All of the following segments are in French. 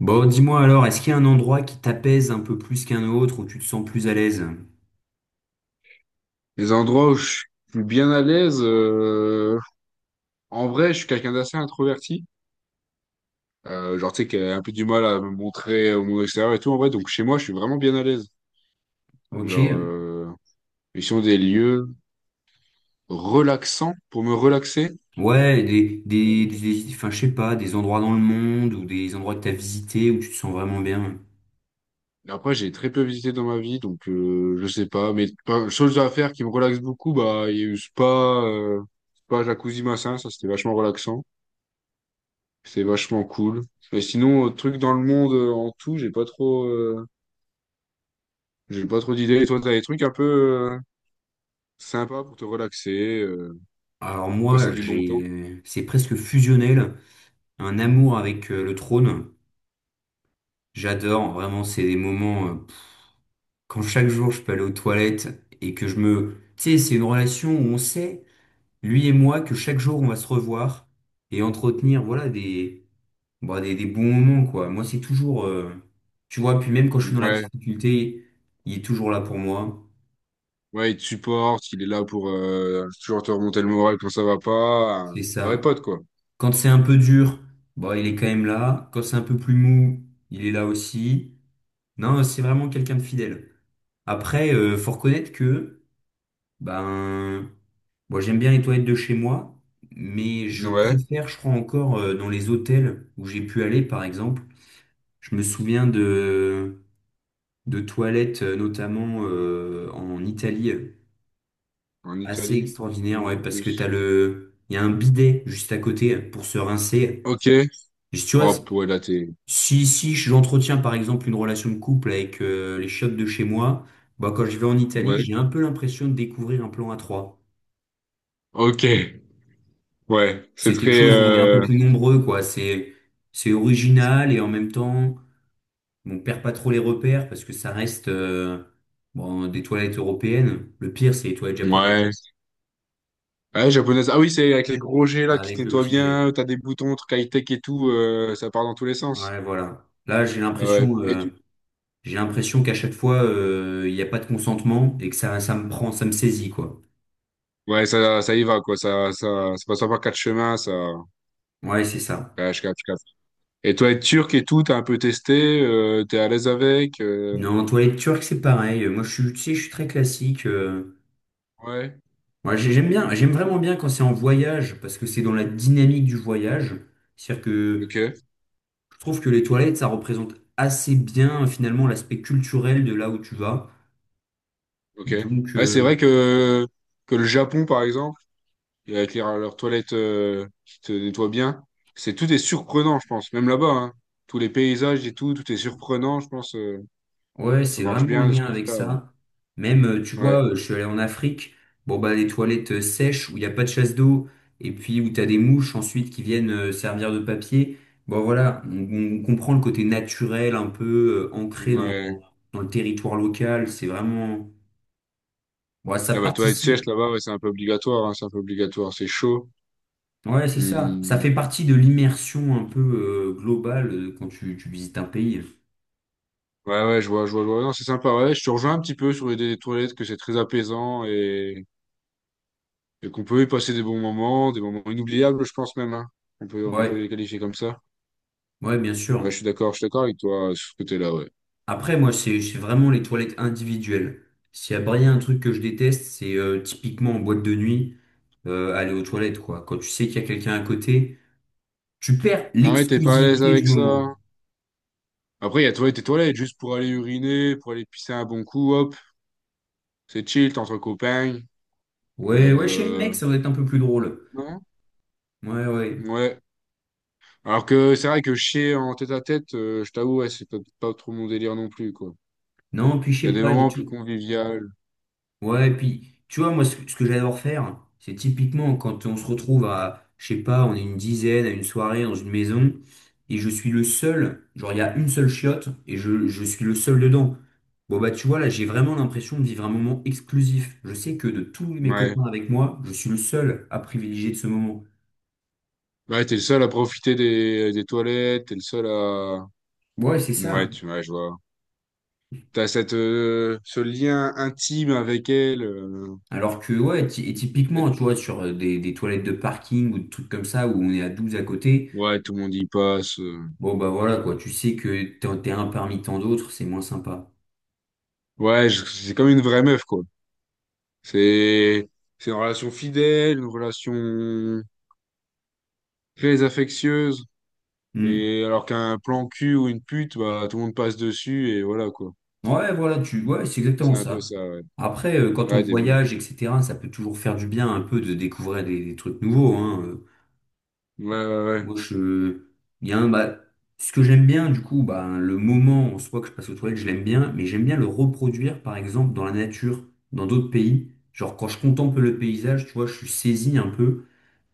Bon, dis-moi alors, est-ce qu'il y a un endroit qui t'apaise un peu plus qu'un autre, où tu te sens plus à l'aise? Les endroits où je suis bien à l'aise, en vrai, je suis quelqu'un d'assez introverti. Genre, tu sais, qui a un peu du mal à me montrer au monde extérieur et tout. En vrai, donc chez moi, je suis vraiment bien à l'aise. Ok. Genre, euh, Ils sont des lieux relaxants pour me relaxer. Ouais, enfin, je sais pas, des endroits dans le monde, ou des endroits que t'as visités, où tu te sens vraiment bien. Et après, j'ai très peu visité dans ma vie, donc je sais pas. Mais pas, chose à faire qui me relaxe beaucoup, bah, il y a eu spa, spa Jacuzzi Massin, ça c'était vachement relaxant. C'était vachement cool. Mais sinon, truc dans le monde en tout, j'ai pas trop. J'ai pas trop d'idées. Et toi, t'as des trucs un peu sympas pour te relaxer, Alors pour passer moi, du bon temps. C'est presque fusionnel, un amour avec le trône. J'adore, vraiment, c'est des moments, quand chaque jour je peux aller aux toilettes, et que tu sais, c'est une relation où on sait, lui et moi, que chaque jour on va se revoir, et entretenir, voilà, bon, des bons moments, quoi. Moi, c'est toujours, tu vois, puis même quand je suis dans la Ouais, difficulté, il est toujours là pour moi. ouais, il te supporte, il est là pour toujours te remonter le moral quand ça va pas. Un C'est vrai ça. pote, quoi. Quand c'est un peu dur, bon, il est quand même là. Quand c'est un peu plus mou, il est là aussi. Non, c'est vraiment quelqu'un de fidèle. Après, faut reconnaître que, ben, bon, j'aime bien les toilettes de chez moi, mais je Ouais, préfère, je crois encore, dans les hôtels où j'ai pu aller, par exemple. Je me souviens de toilettes, notamment en Italie. en Assez Italie, extraordinaire, dis-moi ouais, en parce que plus. Il y a un bidet juste à côté pour se rincer. Ok. Et tu vois, Hop, ouais, là, t'es... si j'entretiens par exemple une relation de couple avec les chiottes de chez moi, bah, quand je vais en Italie, Ouais. j'ai un peu l'impression de découvrir un plan à trois. Ok. Ouais, c'est C'est quelque très... chose où on est un peu euh, plus nombreux, quoi. C'est original et en même temps, on perd pas trop les repères parce que ça reste bon, des toilettes européennes. Le pire, c'est les toilettes japonaises Ouais. Ouais, japonaise. Ah oui, c'est avec les gros G, là, qui avec le nettoient petit jet. bien, t'as des boutons, trucs high-tech et tout, ça part dans tous les sens. Ouais, voilà. Ah ouais. Et J'ai l'impression qu'à chaque fois, il n'y a pas de consentement et que ça me prend, ça me saisit, quoi. ouais, ça y va, quoi. Ça passe pas par quatre chemins, ça. Ouais, c'est ça. Ouais, je capte, je capte. Et toi, être turc et tout, t'as un peu testé, t'es à l'aise avec, Non, toilette turque, c'est pareil. Moi, je suis, tu sais, je suis très classique. ouais. Ouais, j'aime vraiment bien quand c'est en voyage parce que c'est dans la dynamique du voyage. C'est-à-dire que Ok, je trouve que les toilettes, ça représente assez bien, finalement, l'aspect culturel de là où tu vas. ok. Donc, Ouais, c'est vrai que le Japon, par exemple, et avec leurs toilettes, qui te nettoient bien, c'est, tout est surprenant, je pense. Même là-bas, hein. Tous les paysages et tout, tout est surprenant, je pense. ouais, Ça c'est marche vraiment en bien de ce lien avec côté-là, ouais. ça. Même, tu vois, Ouais. Je suis allé en Afrique, bon bah des toilettes sèches où il n'y a pas de chasse d'eau, et puis où t'as des mouches ensuite qui viennent servir de papier. Bon voilà, on comprend le côté naturel, un peu ancré dans, Ouais. dans, dans le territoire local. C'est vraiment. Ouais, ça Ah bah, toilettes sèches, participe. là-bas, ouais, c'est un peu obligatoire, hein, c'est un peu obligatoire. C'est chaud. Ouais, c'est ça. Ça Hmm. fait partie de l'immersion un peu globale quand tu visites un pays. Ouais, ouais, je vois, je vois, je vois. Non, c'est sympa, ouais. Je te rejoins un petit peu sur l'idée des toilettes, que c'est très apaisant et qu'on peut y passer des bons moments, des moments inoubliables, je pense même, hein. On Ouais, peut les qualifier comme ça. ouais, bien Ouais, sûr. Je suis d'accord avec toi sur ce côté-là, ouais. Après, moi, c'est vraiment les toilettes individuelles. S'il y a bien un truc que je déteste, c'est typiquement en boîte de nuit, aller aux toilettes, quoi. Quand tu sais qu'il y a quelqu'un à côté, tu perds Ah ouais, t'es pas à l'aise l'exclusivité du avec moment. ça. Après, il y a toilettes et toilettes, juste pour aller uriner, pour aller pisser un bon coup, hop. C'est chill, t'es entre copains. Ouais, ouais, chez le Euh, mec, euh, ça va être un peu plus drôle. non? Ouais, ouais. Ouais. Alors que c'est vrai que chier en tête à tête, je t'avoue, ouais, c'est pas pas trop mon délire non plus, quoi. Non, puis je Il y a sais des pas, j'ai moments plus tou- conviviaux. Ouais, et puis, tu vois, moi, ce que j'adore faire, c'est typiquement quand on se retrouve à, je sais pas, on est une dizaine à une soirée dans une maison, et je suis le seul, genre, il y a une seule chiotte, et je suis le seul dedans. Bon, bah, tu vois, là, j'ai vraiment l'impression de vivre un moment exclusif. Je sais que de tous mes Ouais. copains avec moi, je suis le seul à privilégier de ce moment. Ouais, t'es le seul à profiter des toilettes, t'es le seul à... Ouais, c'est ça. Ouais, tu vois, je vois. T'as cette, ce lien intime avec elle. Alors que, ouais, et et- typiquement, tu vois, sur des toilettes de parking ou des trucs comme ça, où on est à 12 à côté. Ouais, tout le monde y passe. Bon, bah voilà, quoi. Tu sais que t'es un parmi tant d'autres, c'est moins sympa. Ouais, je- c'est comme une vraie meuf, quoi. C'est, c'est une relation fidèle, une relation très affectueuse. Hmm. Et alors qu'un plan cul ou une pute, bah, tout le monde passe dessus et voilà, quoi. Ouais, voilà, tu... ouais, c'est C'est exactement un ça. peu ça, ouais. Après, quand on Ouais, des... Ouais, voyage, etc., ça peut toujours faire du bien un peu de découvrir des trucs nouveaux, hein. Ouais, ouais. Moi, je... Bien, bah, ce que j'aime bien, du coup, bah, le moment en soi que je passe aux toilettes, je l'aime bien, mais j'aime bien le reproduire, par exemple, dans la nature, dans d'autres pays. Genre, quand je contemple le paysage, tu vois, je suis saisi un peu.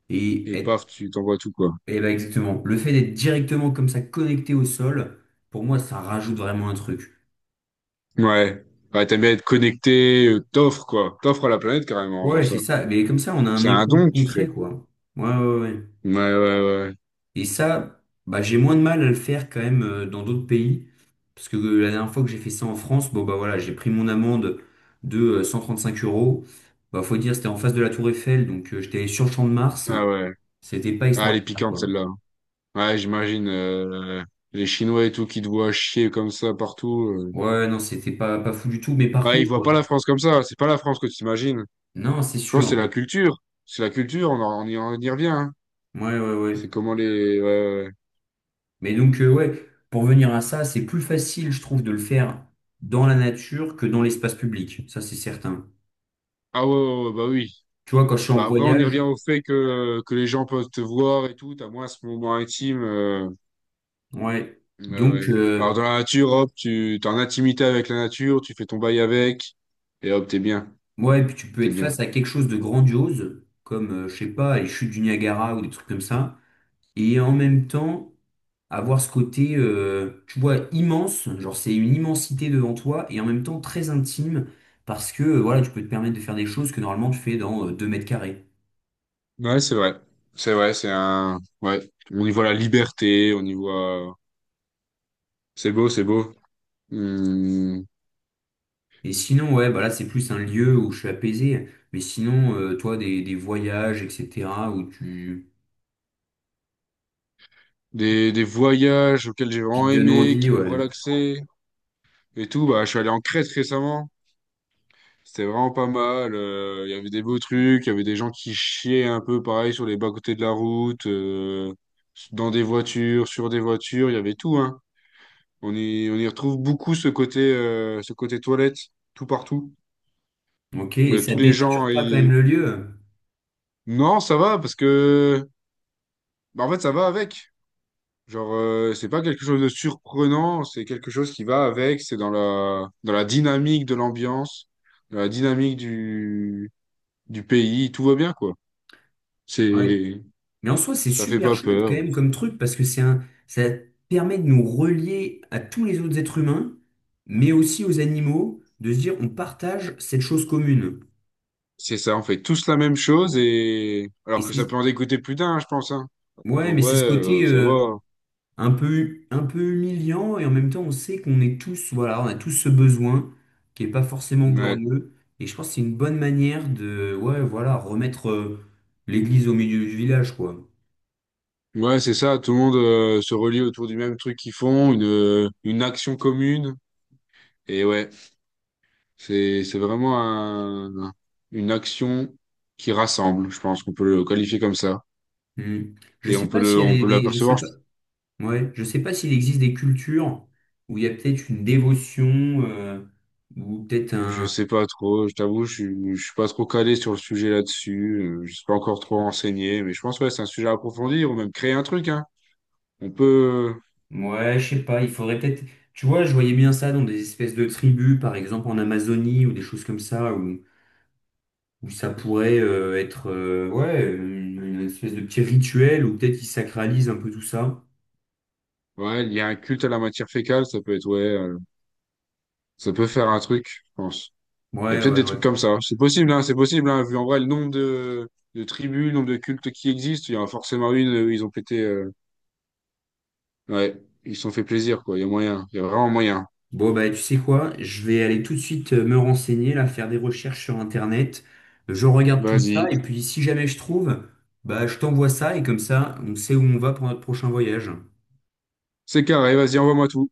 Et Et paf, tu t'envoies tout, quoi. Bah exactement. Le fait d'être directement comme ça connecté au sol, pour moi, ça rajoute vraiment un truc. Ouais, ouais, t'aimes bien être connecté, t'offres quoi, t'offres à la planète carrément en faisant Ouais, ça. c'est ça. Mais comme ça, on a un C'est un don écho que tu concret, fais. quoi. Ouais, ouais, ouais. ouais. Ouais, ouais, ouais. Et ça, bah, j'ai moins de mal à le faire quand même dans d'autres pays. Parce que la dernière fois que j'ai fait ça en France, bon, bah voilà, j'ai pris mon amende de cinq euros. Bah, faut dire, c'était en face de la Tour Eiffel, donc j'étais sur le Champ de Mars. Ah ouais. C'était pas Ah, elle est extraordinaire, piquante quoi. celle-là. Ouais, j'imagine les Chinois et tout qui te voient chier comme ça partout. Ouais, non, c'était pas, pas fou du tout. Mais par Ouais, ils contre, voient ouais. pas la France comme ça. C'est pas la France que tu imagines. Non, c'est Je pense que c'est sûr. la culture. C'est la culture. On y, on y revient, hein. Ouais, ouais, C'est ouais. comment les. Ouais, ouais, ouais. Mais donc, ouais, pour venir à ça, c'est plus facile, je trouve, de le faire dans la nature que dans l'espace public. Ça, c'est certain. Ah ouais, ouais, ouais, bah oui. Tu vois, quand je suis en Bah après, on y revient voyage, au fait que les gens peuvent te voir et tout. T'as moins ce moment intime. ouais. Ouais, ouais. Donc, Alors, dans la nature, hop, tu t'es en intimité avec la nature, tu fais ton bail avec, et hop, t'es bien, ouais, puis tu peux t'es être bien. face à quelque chose de grandiose, comme, je sais pas, les chutes du Niagara ou des trucs comme ça. Et en même temps, avoir ce côté, tu vois, immense, genre c'est une immensité devant toi, et en même temps très intime, parce que, voilà, tu peux te permettre de faire des choses que normalement tu fais dans 2 m². Ouais, c'est vrai. C'est vrai, c'est un... Ouais. On y voit la liberté, on y voit... C'est beau, c'est beau. Hmm. Et sinon, ouais, bah là, c'est plus un lieu où je suis apaisé. Mais sinon, toi, des voyages, etc., où tu, Des voyages auxquels j'ai qui vraiment te donnent aimé, qui envie, m'ont ouais. relaxé, et tout. Bah, je suis allé en Crète récemment. C'était vraiment pas mal. Il y avait des beaux trucs, il y avait des gens qui chiaient un peu, pareil, sur les bas-côtés de la route, dans des voitures, sur des voitures, il y avait tout, hein. On y retrouve beaucoup ce côté toilette, tout partout. Ok, et ça Tous les gens. dénature pas quand ils- même le lieu. Non, ça va, parce que, bah, en fait, ça va avec. Genre, c'est pas quelque chose de surprenant, c'est quelque chose qui va avec. C'est dans la dynamique de l'ambiance, dans la dynamique du pays. Tout va bien, quoi. Ouais. C'est, Mais en soi, c'est ça fait super pas chouette quand peur. même comme truc parce que c'est un, ça permet de nous relier à tous les autres êtres humains, mais aussi aux animaux, de se dire on partage cette chose commune. C'est ça, on fait tous la même chose et. Et Alors que ça peut c'est, en dégoûter plus d'un, hein, je pense, hein. ouais, Qu'en mais vrai, c'est ce côté, ça va. Un peu humiliant et en même temps on sait qu'on est tous, voilà, on a tous ce besoin qui est pas forcément Ouais. glorieux et je pense que c'est une bonne manière de, ouais, voilà, remettre l'église au milieu du village, quoi. Ouais, c'est ça, tout le monde se relie autour du même truc qu'ils font, une action commune. Et ouais, c'est vraiment une action qui rassemble, je pense qu'on peut le qualifier comme ça. Hmm. Je Et sais on peut pas le s'il y on a peut je sais l'apercevoir, pas, ouais, je sais pas s'il existe des cultures où il y a peut-être une dévotion ou peut-être je un, sais pas trop, je t'avoue, je suis pas trop calé sur le sujet là-dessus, je suis pas encore trop renseigné, mais je pense ouais, c'est un sujet à approfondir ou même créer un truc, hein. On peut ouais, je sais pas, il faudrait peut-être, tu vois, je voyais bien ça dans des espèces de tribus, par exemple en Amazonie ou des choses comme ça où Ou ça pourrait être ouais, une espèce de petit rituel ou peut-être ils sacralisent un peu tout ça. ouais, il y a un culte à la matière fécale, ça peut être ouais, ça peut faire un truc, je pense. Il y a Ouais, peut-être ouais, des trucs ouais. comme ça. C'est possible, hein, vu en vrai le nombre de tribus, le nombre de cultes qui existent, il y en a forcément une où ils ont pété. Ouais, ils se sont fait plaisir, quoi. Il y a moyen. Il y a vraiment moyen. Bon, bah, tu sais quoi? Je vais aller tout de suite me renseigner, là, faire des recherches sur Internet. Je regarde tout ça Vas-y. et puis si jamais je trouve, bah, je t'envoie ça et comme ça, on sait où on va pour notre prochain voyage. C'est carré, vas-y, envoie-moi tout.